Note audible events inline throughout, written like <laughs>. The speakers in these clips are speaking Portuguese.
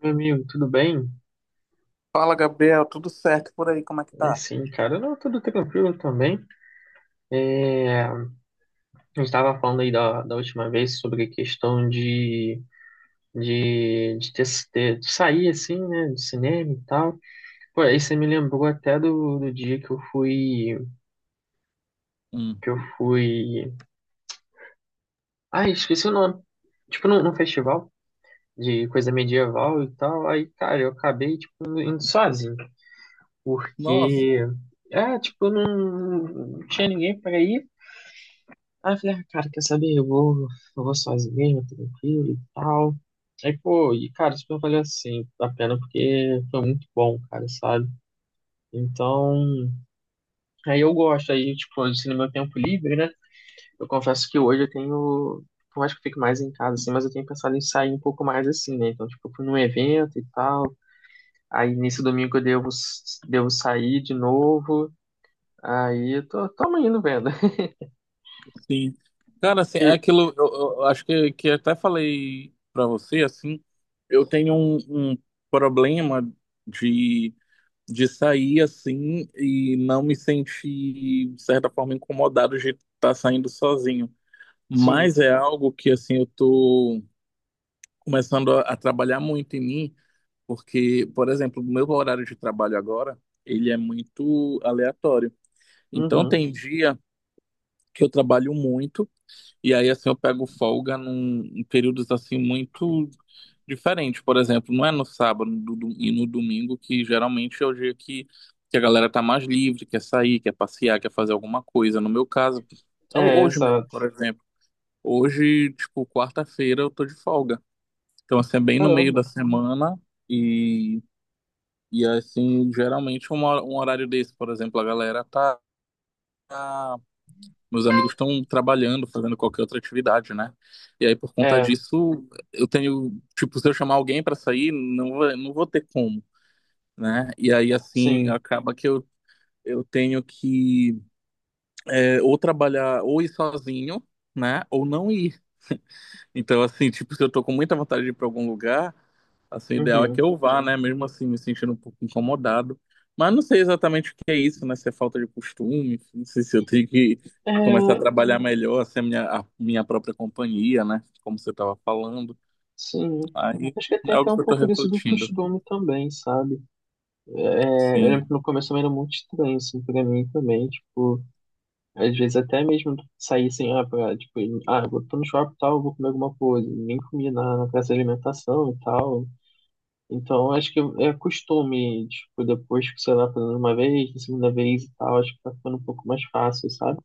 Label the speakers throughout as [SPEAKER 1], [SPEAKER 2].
[SPEAKER 1] Meu amigo, tudo bem?
[SPEAKER 2] Fala, Gabriel, tudo certo por aí? Como é que
[SPEAKER 1] É,
[SPEAKER 2] tá?
[SPEAKER 1] sim, cara, não, tudo tranquilo também. É, a gente estava falando aí da última vez sobre a questão de, de, ter, de sair assim, né, do cinema e tal. Pô, aí você me lembrou até do dia que eu
[SPEAKER 2] Hum.
[SPEAKER 1] fui... Ai, esqueci o nome. Tipo, num festival de coisa medieval e tal. Aí, cara, eu acabei, tipo, indo sozinho,
[SPEAKER 2] Nossa,
[SPEAKER 1] porque... É, tipo, não tinha ninguém para ir. Aí eu falei, ah, cara, quer saber? Eu vou sozinho, tranquilo e tal. Aí, pô, e cara, super valeu assim a pena, porque foi muito bom, cara, sabe? Então, aí eu gosto, aí, tipo, assim, no meu tempo livre, né? Eu confesso que hoje eu tenho, eu acho que eu fico mais em casa, assim, mas eu tenho pensado em sair um pouco mais assim, né? Então, tipo, eu fui num evento e tal. Aí nesse domingo devo sair de novo. Aí eu tamo indo vendo. <laughs>
[SPEAKER 2] sim. Cara, assim, é
[SPEAKER 1] Eu-
[SPEAKER 2] aquilo, acho que até falei pra você, assim, eu tenho um, um problema de de sair assim e não me sentir, de certa forma, incomodado de estar saindo sozinho.
[SPEAKER 1] sim,
[SPEAKER 2] Mas é algo que, assim, eu tô começando a trabalhar muito em mim, porque, por exemplo, o meu horário de trabalho agora, ele é muito aleatório. Então,
[SPEAKER 1] uhum.
[SPEAKER 2] tem dia que eu trabalho muito, e aí, assim, eu pego folga em períodos, assim, muito diferentes. Por exemplo, não é no sábado e no domingo, que geralmente é o dia que a galera tá mais livre, quer sair, quer passear, quer fazer alguma coisa. No meu caso,
[SPEAKER 1] É,
[SPEAKER 2] hoje mesmo,
[SPEAKER 1] exato.
[SPEAKER 2] por exemplo. Hoje, tipo, quarta-feira eu tô de folga. Então, assim, é bem no meio
[SPEAKER 1] Caramba.
[SPEAKER 2] da semana e, e assim, geralmente um horário desse, por exemplo, a galera tá meus amigos estão trabalhando, fazendo qualquer outra atividade, né? E aí, por conta
[SPEAKER 1] É.
[SPEAKER 2] disso, eu tenho, tipo, se eu chamar alguém para sair, não vou ter como, né? E aí, assim,
[SPEAKER 1] Sim.
[SPEAKER 2] acaba que eu tenho que é, ou trabalhar, ou ir sozinho, né? Ou não ir. Então, assim, tipo, se eu tô com muita vontade de ir pra algum lugar, assim, o ideal é que
[SPEAKER 1] Uhum.
[SPEAKER 2] eu vá, né? Mesmo assim, me sentindo um pouco incomodado. Mas não sei exatamente o que é isso, né? Se é falta de costume, não sei se eu tenho que
[SPEAKER 1] É,
[SPEAKER 2] começar a trabalhar melhor, assim, a minha própria companhia, né? Como você tava falando.
[SPEAKER 1] sim.
[SPEAKER 2] Aí
[SPEAKER 1] Acho que
[SPEAKER 2] é
[SPEAKER 1] tem até
[SPEAKER 2] algo
[SPEAKER 1] um
[SPEAKER 2] que eu tô
[SPEAKER 1] pouco disso do
[SPEAKER 2] refletindo.
[SPEAKER 1] costume também, sabe? É, eu lembro
[SPEAKER 2] Sim,
[SPEAKER 1] que no começo também era muito estranho, assim, pra mim também. Tipo, às vezes até mesmo sair assim, ah, pra, tipo, ah, eu tô no shopping e tal, eu vou comer alguma coisa. Nem comia na praça de alimentação e tal. Então, acho que é costume, tipo, depois que, sei lá, fazendo uma vez, na segunda vez e tal, acho que tá ficando um pouco mais fácil, sabe?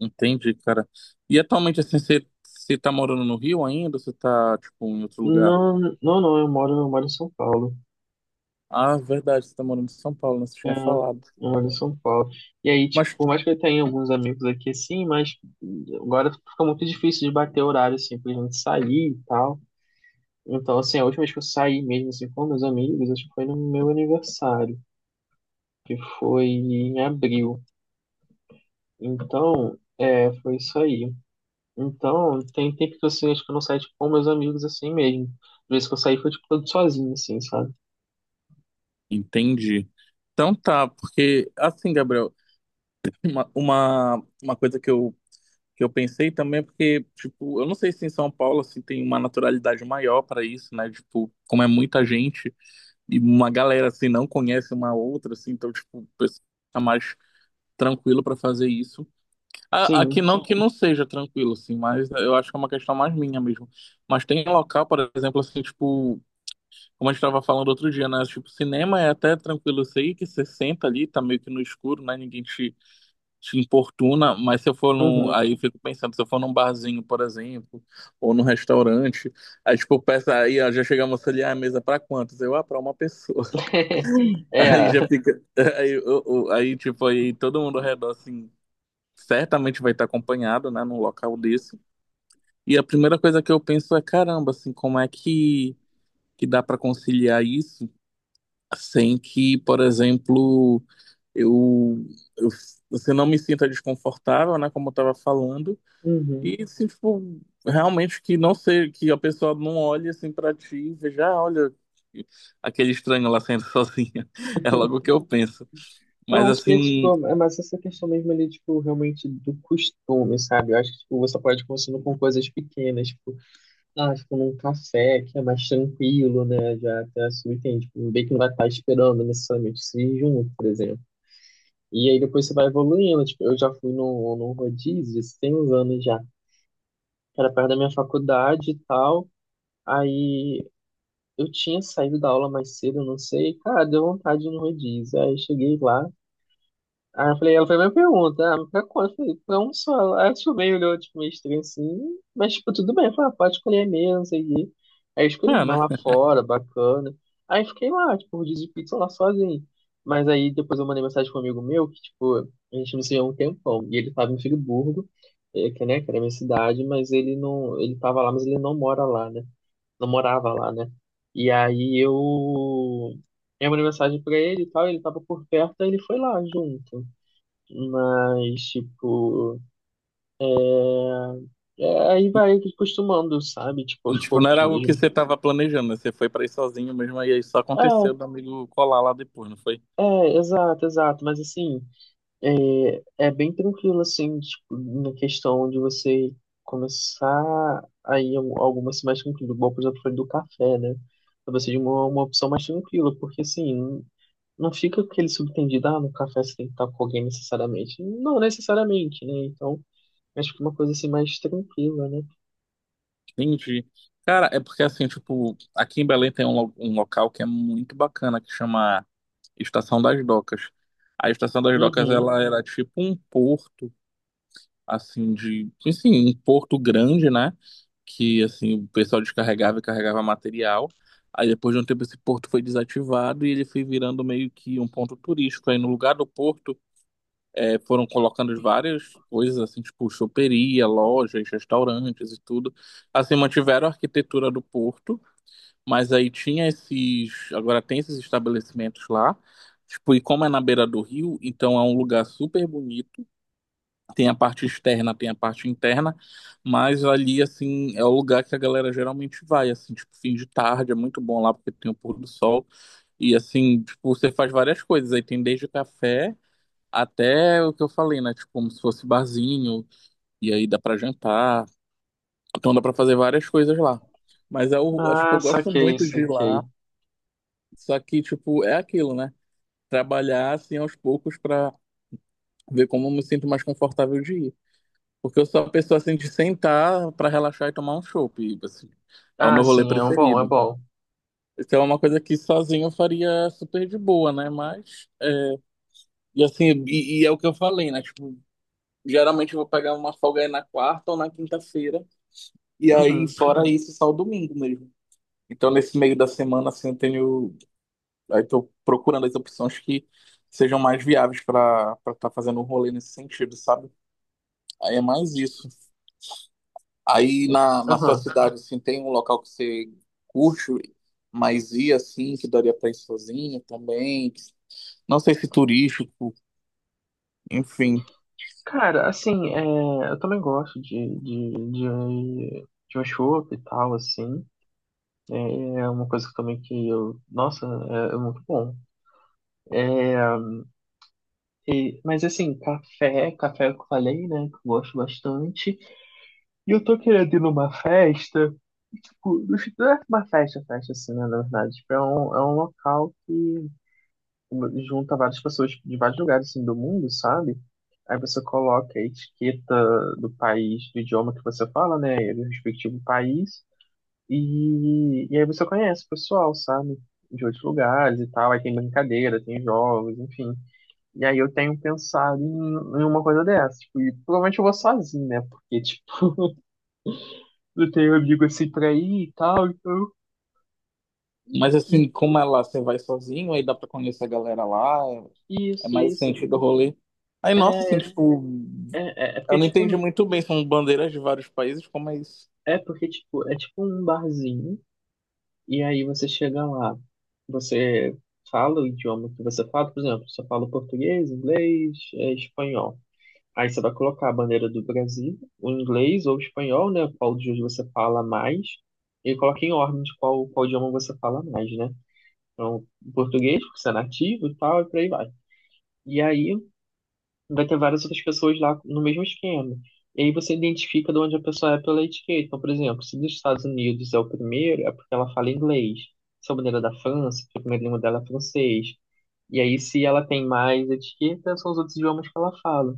[SPEAKER 2] entendi, cara. E atualmente, assim, você, você tá morando no Rio ainda, ou você tá, tipo, em outro lugar?
[SPEAKER 1] Não, não, não, eu moro em São Paulo.
[SPEAKER 2] Ah, verdade, você tá morando em São Paulo, né? Você
[SPEAKER 1] É,
[SPEAKER 2] tinha
[SPEAKER 1] eu
[SPEAKER 2] falado.
[SPEAKER 1] moro em São Paulo. E aí, tipo,
[SPEAKER 2] Mas
[SPEAKER 1] por mais que eu tenha alguns amigos aqui, assim, mas agora fica muito difícil de bater horário, assim, pra gente sair e tal. Então, assim, a última vez que eu saí mesmo, assim, com meus amigos, acho que foi no meu aniversário, que foi em abril. Então, é, foi isso aí. Então, tem tempo que, assim, acho que eu não saio, tipo, com meus amigos, assim, mesmo. Às vezes que eu saí, foi, tipo, todo sozinho, assim, sabe?
[SPEAKER 2] entendi. Então tá, porque assim, Gabriel, uma coisa que eu pensei também é porque, tipo, eu não sei se em São Paulo assim, tem uma naturalidade maior para isso, né? Tipo, como é muita gente e uma galera assim não conhece uma outra, assim, então, tipo, o pessoal tá mais tranquilo para fazer isso. Aqui
[SPEAKER 1] Sim.
[SPEAKER 2] não que não seja tranquilo, assim, mas eu acho que é uma questão mais minha mesmo. Mas tem local, por exemplo, assim, tipo. Como a gente estava falando outro dia, né? Tipo, cinema é até tranquilo isso aí, que você senta ali, tá meio que no escuro, né? Te importuna, mas se eu for num.
[SPEAKER 1] Uhum.
[SPEAKER 2] Aí eu fico pensando, se eu for num barzinho, por exemplo, ou num restaurante, aí tipo, peça aí, ó, já chegamos ali, ah, a mesa é pra quantos? Eu, ah, pra uma pessoa.
[SPEAKER 1] <laughs>
[SPEAKER 2] <laughs> Aí
[SPEAKER 1] É,
[SPEAKER 2] já fica. <laughs> Aí, aí tipo, aí todo mundo ao redor, assim, certamente vai estar acompanhado, né? Num local desse. E a primeira coisa que eu penso é, caramba, assim, como é que dá pra conciliar isso? Sem que, por exemplo, eu, eu você não me sinta desconfortável, né, como eu tava falando,
[SPEAKER 1] uhum.
[SPEAKER 2] e se tipo, realmente que não sei, que a pessoa não olhe assim para ti e veja, ah, olha, aquele estranho lá saindo <laughs> sozinha. É logo o que eu penso.
[SPEAKER 1] Eu
[SPEAKER 2] Mas
[SPEAKER 1] acho que é,
[SPEAKER 2] assim,
[SPEAKER 1] tipo, é mais essa questão mesmo ali, tipo, realmente do costume, sabe? Eu acho que, tipo, você pode ir começando com coisas pequenas, tipo, ah, tipo, num café que é mais tranquilo, né? Já até subentende, tipo, bem que não vai estar esperando necessariamente se junto, por exemplo. E aí depois você vai evoluindo, tipo, eu já fui num rodízio, tem uns anos já, que era perto da minha faculdade e tal. Aí eu tinha saído da aula mais cedo, não sei, cara, deu vontade de ir no rodízio. Aí eu cheguei lá, aí eu falei, ela fez a minha pergunta, ah, mas pra quanto? Eu falei, pra um só. Aí ela tipo, meio olhou, tipo, meio estranho assim, mas tipo, tudo bem, eu falei, ah, pode escolher mesmo, não sei o quê. Aí eu escolhi
[SPEAKER 2] é,
[SPEAKER 1] uma
[SPEAKER 2] né?
[SPEAKER 1] lá fora, bacana. Aí fiquei lá, tipo, rodízio de pizza lá sozinho. Mas aí depois eu mandei mensagem para um amigo meu, que tipo, a gente não se via há um tempão, e ele tava em Friburgo, eh, que, né, que era a minha cidade, mas ele não, ele tava lá, mas ele não mora lá, né? Não morava lá, né? E aí eu mandei mensagem pra ele e tal, ele tava por perto, aí ele foi lá junto. Mas, tipo, é, aí vai acostumando, sabe? Tipo, aos
[SPEAKER 2] Tipo, não
[SPEAKER 1] poucos
[SPEAKER 2] era algo que
[SPEAKER 1] mesmo.
[SPEAKER 2] você estava planejando, né? Você foi para ir sozinho mesmo, e aí só aconteceu
[SPEAKER 1] É,
[SPEAKER 2] do amigo colar lá depois, não foi?
[SPEAKER 1] é, exato. Mas assim, é, é bem tranquilo, assim, tipo, na questão de você começar aí algumas mais tranquilo. Igual, por exemplo, foi do café, né? Pra você de uma opção mais tranquila, porque assim, não fica aquele subtendido, ah, no café você tem que estar com alguém necessariamente. Não necessariamente, né? Então, acho que uma coisa assim mais tranquila, né?
[SPEAKER 2] Entendi. Cara, é porque assim, tipo, aqui em Belém tem um local que é muito bacana que chama Estação das Docas. A Estação das Docas,
[SPEAKER 1] Uhum.
[SPEAKER 2] ela era tipo um porto, assim, um porto grande, né? Que, assim, o pessoal descarregava e carregava material. Aí depois de um tempo esse porto foi desativado e ele foi virando meio que um ponto turístico. Aí no lugar do porto foram colocando várias coisas, assim, tipo choperia, lojas, restaurantes e tudo. Assim, mantiveram a arquitetura do porto, mas aí tinha esses. Agora tem esses estabelecimentos lá. Tipo, e como é na beira do rio, então é um lugar super bonito. Tem a parte externa, tem a parte interna, mas ali, assim, é o lugar que a galera geralmente vai, assim, tipo, fim de tarde, é muito bom lá porque tem o pôr do sol. E assim, tipo, você faz várias coisas. Aí tem desde café até o que eu falei, né? Tipo, como se fosse barzinho, e aí dá pra jantar. Então dá pra fazer várias coisas lá. Mas é, tipo,
[SPEAKER 1] Ah,
[SPEAKER 2] eu gosto muito de ir
[SPEAKER 1] saquei.
[SPEAKER 2] lá, só que, tipo, é aquilo, né? Trabalhar, assim, aos poucos pra ver como eu me sinto mais confortável de ir. Porque eu sou a pessoa, assim, de sentar pra relaxar e tomar um chopp, e, assim, é o
[SPEAKER 1] Ah,
[SPEAKER 2] meu rolê
[SPEAKER 1] sim, é um bom, é
[SPEAKER 2] preferido.
[SPEAKER 1] bom.
[SPEAKER 2] Isso é uma coisa que sozinho eu faria super de boa, né? Mas, e assim, e é o que eu falei, né? Tipo, geralmente eu vou pegar uma folga aí na quarta ou na quinta-feira. E aí,
[SPEAKER 1] Uhum,
[SPEAKER 2] fora isso, só o domingo mesmo. Então, nesse meio da semana, assim, eu tenho. Aí, tô procurando as opções que sejam mais viáveis para estar fazendo um rolê nesse sentido, sabe? Aí é mais isso. Aí, na sua
[SPEAKER 1] uhum.
[SPEAKER 2] cidade, assim, tem um local que você curte, mas ir, assim, que daria para ir sozinho também. Não sei se turístico, enfim.
[SPEAKER 1] Cara, assim, é, eu também gosto de um chopp e tal, assim. É é uma coisa que também que eu. Nossa, é é muito bom. É, e- mas assim, café que eu falei, né? Que eu gosto bastante. E eu tô querendo ir numa festa, e, tipo, no não é uma festa, festa assim, né, na verdade. Tipo, é é um local que junta várias pessoas de vários lugares, assim, do mundo, sabe? Aí você coloca a etiqueta do país, do idioma que você fala, né, e do respectivo país, e aí você conhece o pessoal, sabe? De outros lugares e tal, aí tem brincadeira, tem jogos, enfim. E aí eu tenho pensado em uma coisa dessa, tipo, e provavelmente eu vou sozinho, né, porque, não tenho amigo assim pra ir e tal, então.
[SPEAKER 2] Mas, assim,
[SPEAKER 1] Então,
[SPEAKER 2] como é lá, você vai sozinho, aí dá para conhecer a galera lá, é
[SPEAKER 1] isso,
[SPEAKER 2] mais o
[SPEAKER 1] isso.
[SPEAKER 2] sentido do rolê. Aí, nossa,
[SPEAKER 1] É,
[SPEAKER 2] assim, tipo,
[SPEAKER 1] é, é é porque
[SPEAKER 2] eu não
[SPEAKER 1] tipo,
[SPEAKER 2] entendi
[SPEAKER 1] um-
[SPEAKER 2] muito bem, são bandeiras de vários países, como é isso?
[SPEAKER 1] é porque tipo, é tipo um barzinho, e aí você chega lá, você fala o idioma que você fala, por exemplo, você fala português, inglês, é, espanhol. Aí você vai colocar a bandeira do Brasil, o inglês ou o espanhol, né? Qual dos dois você fala mais, e coloca em ordem de qual idioma você fala mais, né? Então, português, porque você é nativo e tal, e por aí vai. E aí, vai ter várias outras pessoas lá no mesmo esquema. E aí você identifica de onde a pessoa é pela etiqueta. Então, por exemplo, se dos Estados Unidos é o primeiro, é porque ela fala inglês. Se a bandeira é da França, porque a primeira língua dela é francês. E aí, se ela tem mais etiqueta, são os outros idiomas que ela fala.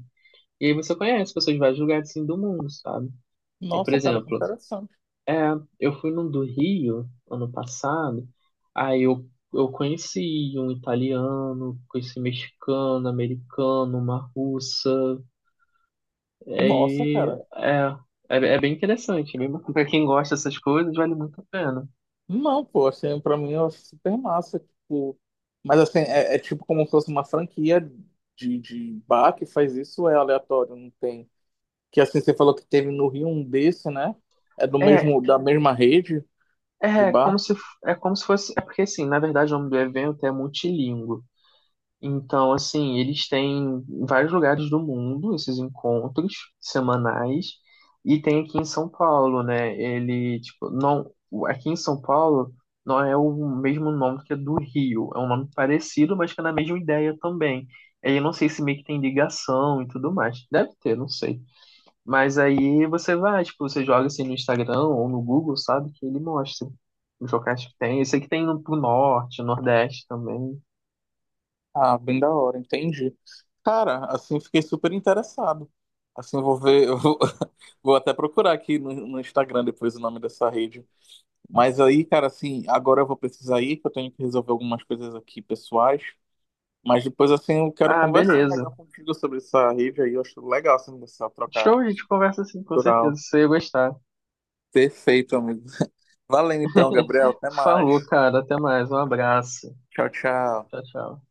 [SPEAKER 1] E aí você conhece pessoas de vários lugares assim, do mundo, sabe? Eu, por
[SPEAKER 2] Nossa, cara, que
[SPEAKER 1] exemplo,
[SPEAKER 2] interessante.
[SPEAKER 1] é, eu fui num do Rio ano passado, aí eu, eu conheci um italiano, conheci um mexicano, americano, uma russa, e
[SPEAKER 2] Nossa, cara.
[SPEAKER 1] aí, é, é, é bem interessante, é bem bacana. Pra quem gosta dessas coisas, vale muito a pena.
[SPEAKER 2] Não, pô, assim, pra mim é super massa, tipo... Mas, assim, é, é tipo como se fosse uma franquia de bar que faz isso, é aleatório, não tem... Que, assim, você falou que teve no Rio um desse, né? É do
[SPEAKER 1] É,
[SPEAKER 2] mesmo, da mesma rede de
[SPEAKER 1] é como
[SPEAKER 2] bar?
[SPEAKER 1] se, é como se fosse, é porque assim, na verdade o nome do evento é multilíngue. Então, assim, eles têm em vários lugares do mundo esses encontros semanais e tem aqui em São Paulo, né? Ele, tipo, não, aqui em São Paulo não é o mesmo nome que é do Rio, é um nome parecido, mas que é na mesma ideia também. Aí eu não sei se meio que tem ligação e tudo mais. Deve ter, não sei. Mas aí você vai, tipo, você joga assim no Instagram ou no Google, sabe? Que ele mostra os locais que tem. Esse que tem no pro norte, nordeste também.
[SPEAKER 2] Ah, bem da hora, entendi. Cara, assim, fiquei super interessado. Assim, eu vou ver, eu vou, <laughs> vou até procurar aqui no, no Instagram depois o nome dessa rede. Mas aí, cara, assim, agora eu vou precisar ir, que eu tenho que resolver algumas coisas aqui pessoais. Mas depois, assim, eu quero
[SPEAKER 1] Ah,
[SPEAKER 2] conversar
[SPEAKER 1] beleza.
[SPEAKER 2] melhor contigo sobre essa rede aí. Eu acho legal, assim, essa troca
[SPEAKER 1] Show, a gente conversa assim, com certeza.
[SPEAKER 2] cultural.
[SPEAKER 1] Você ia gostar.
[SPEAKER 2] Perfeito, amigo. <laughs> Valeu então,
[SPEAKER 1] <laughs>
[SPEAKER 2] Gabriel. Até mais.
[SPEAKER 1] Falou, cara. Até mais. Um abraço.
[SPEAKER 2] Tchau, tchau.
[SPEAKER 1] Tchau, tchau.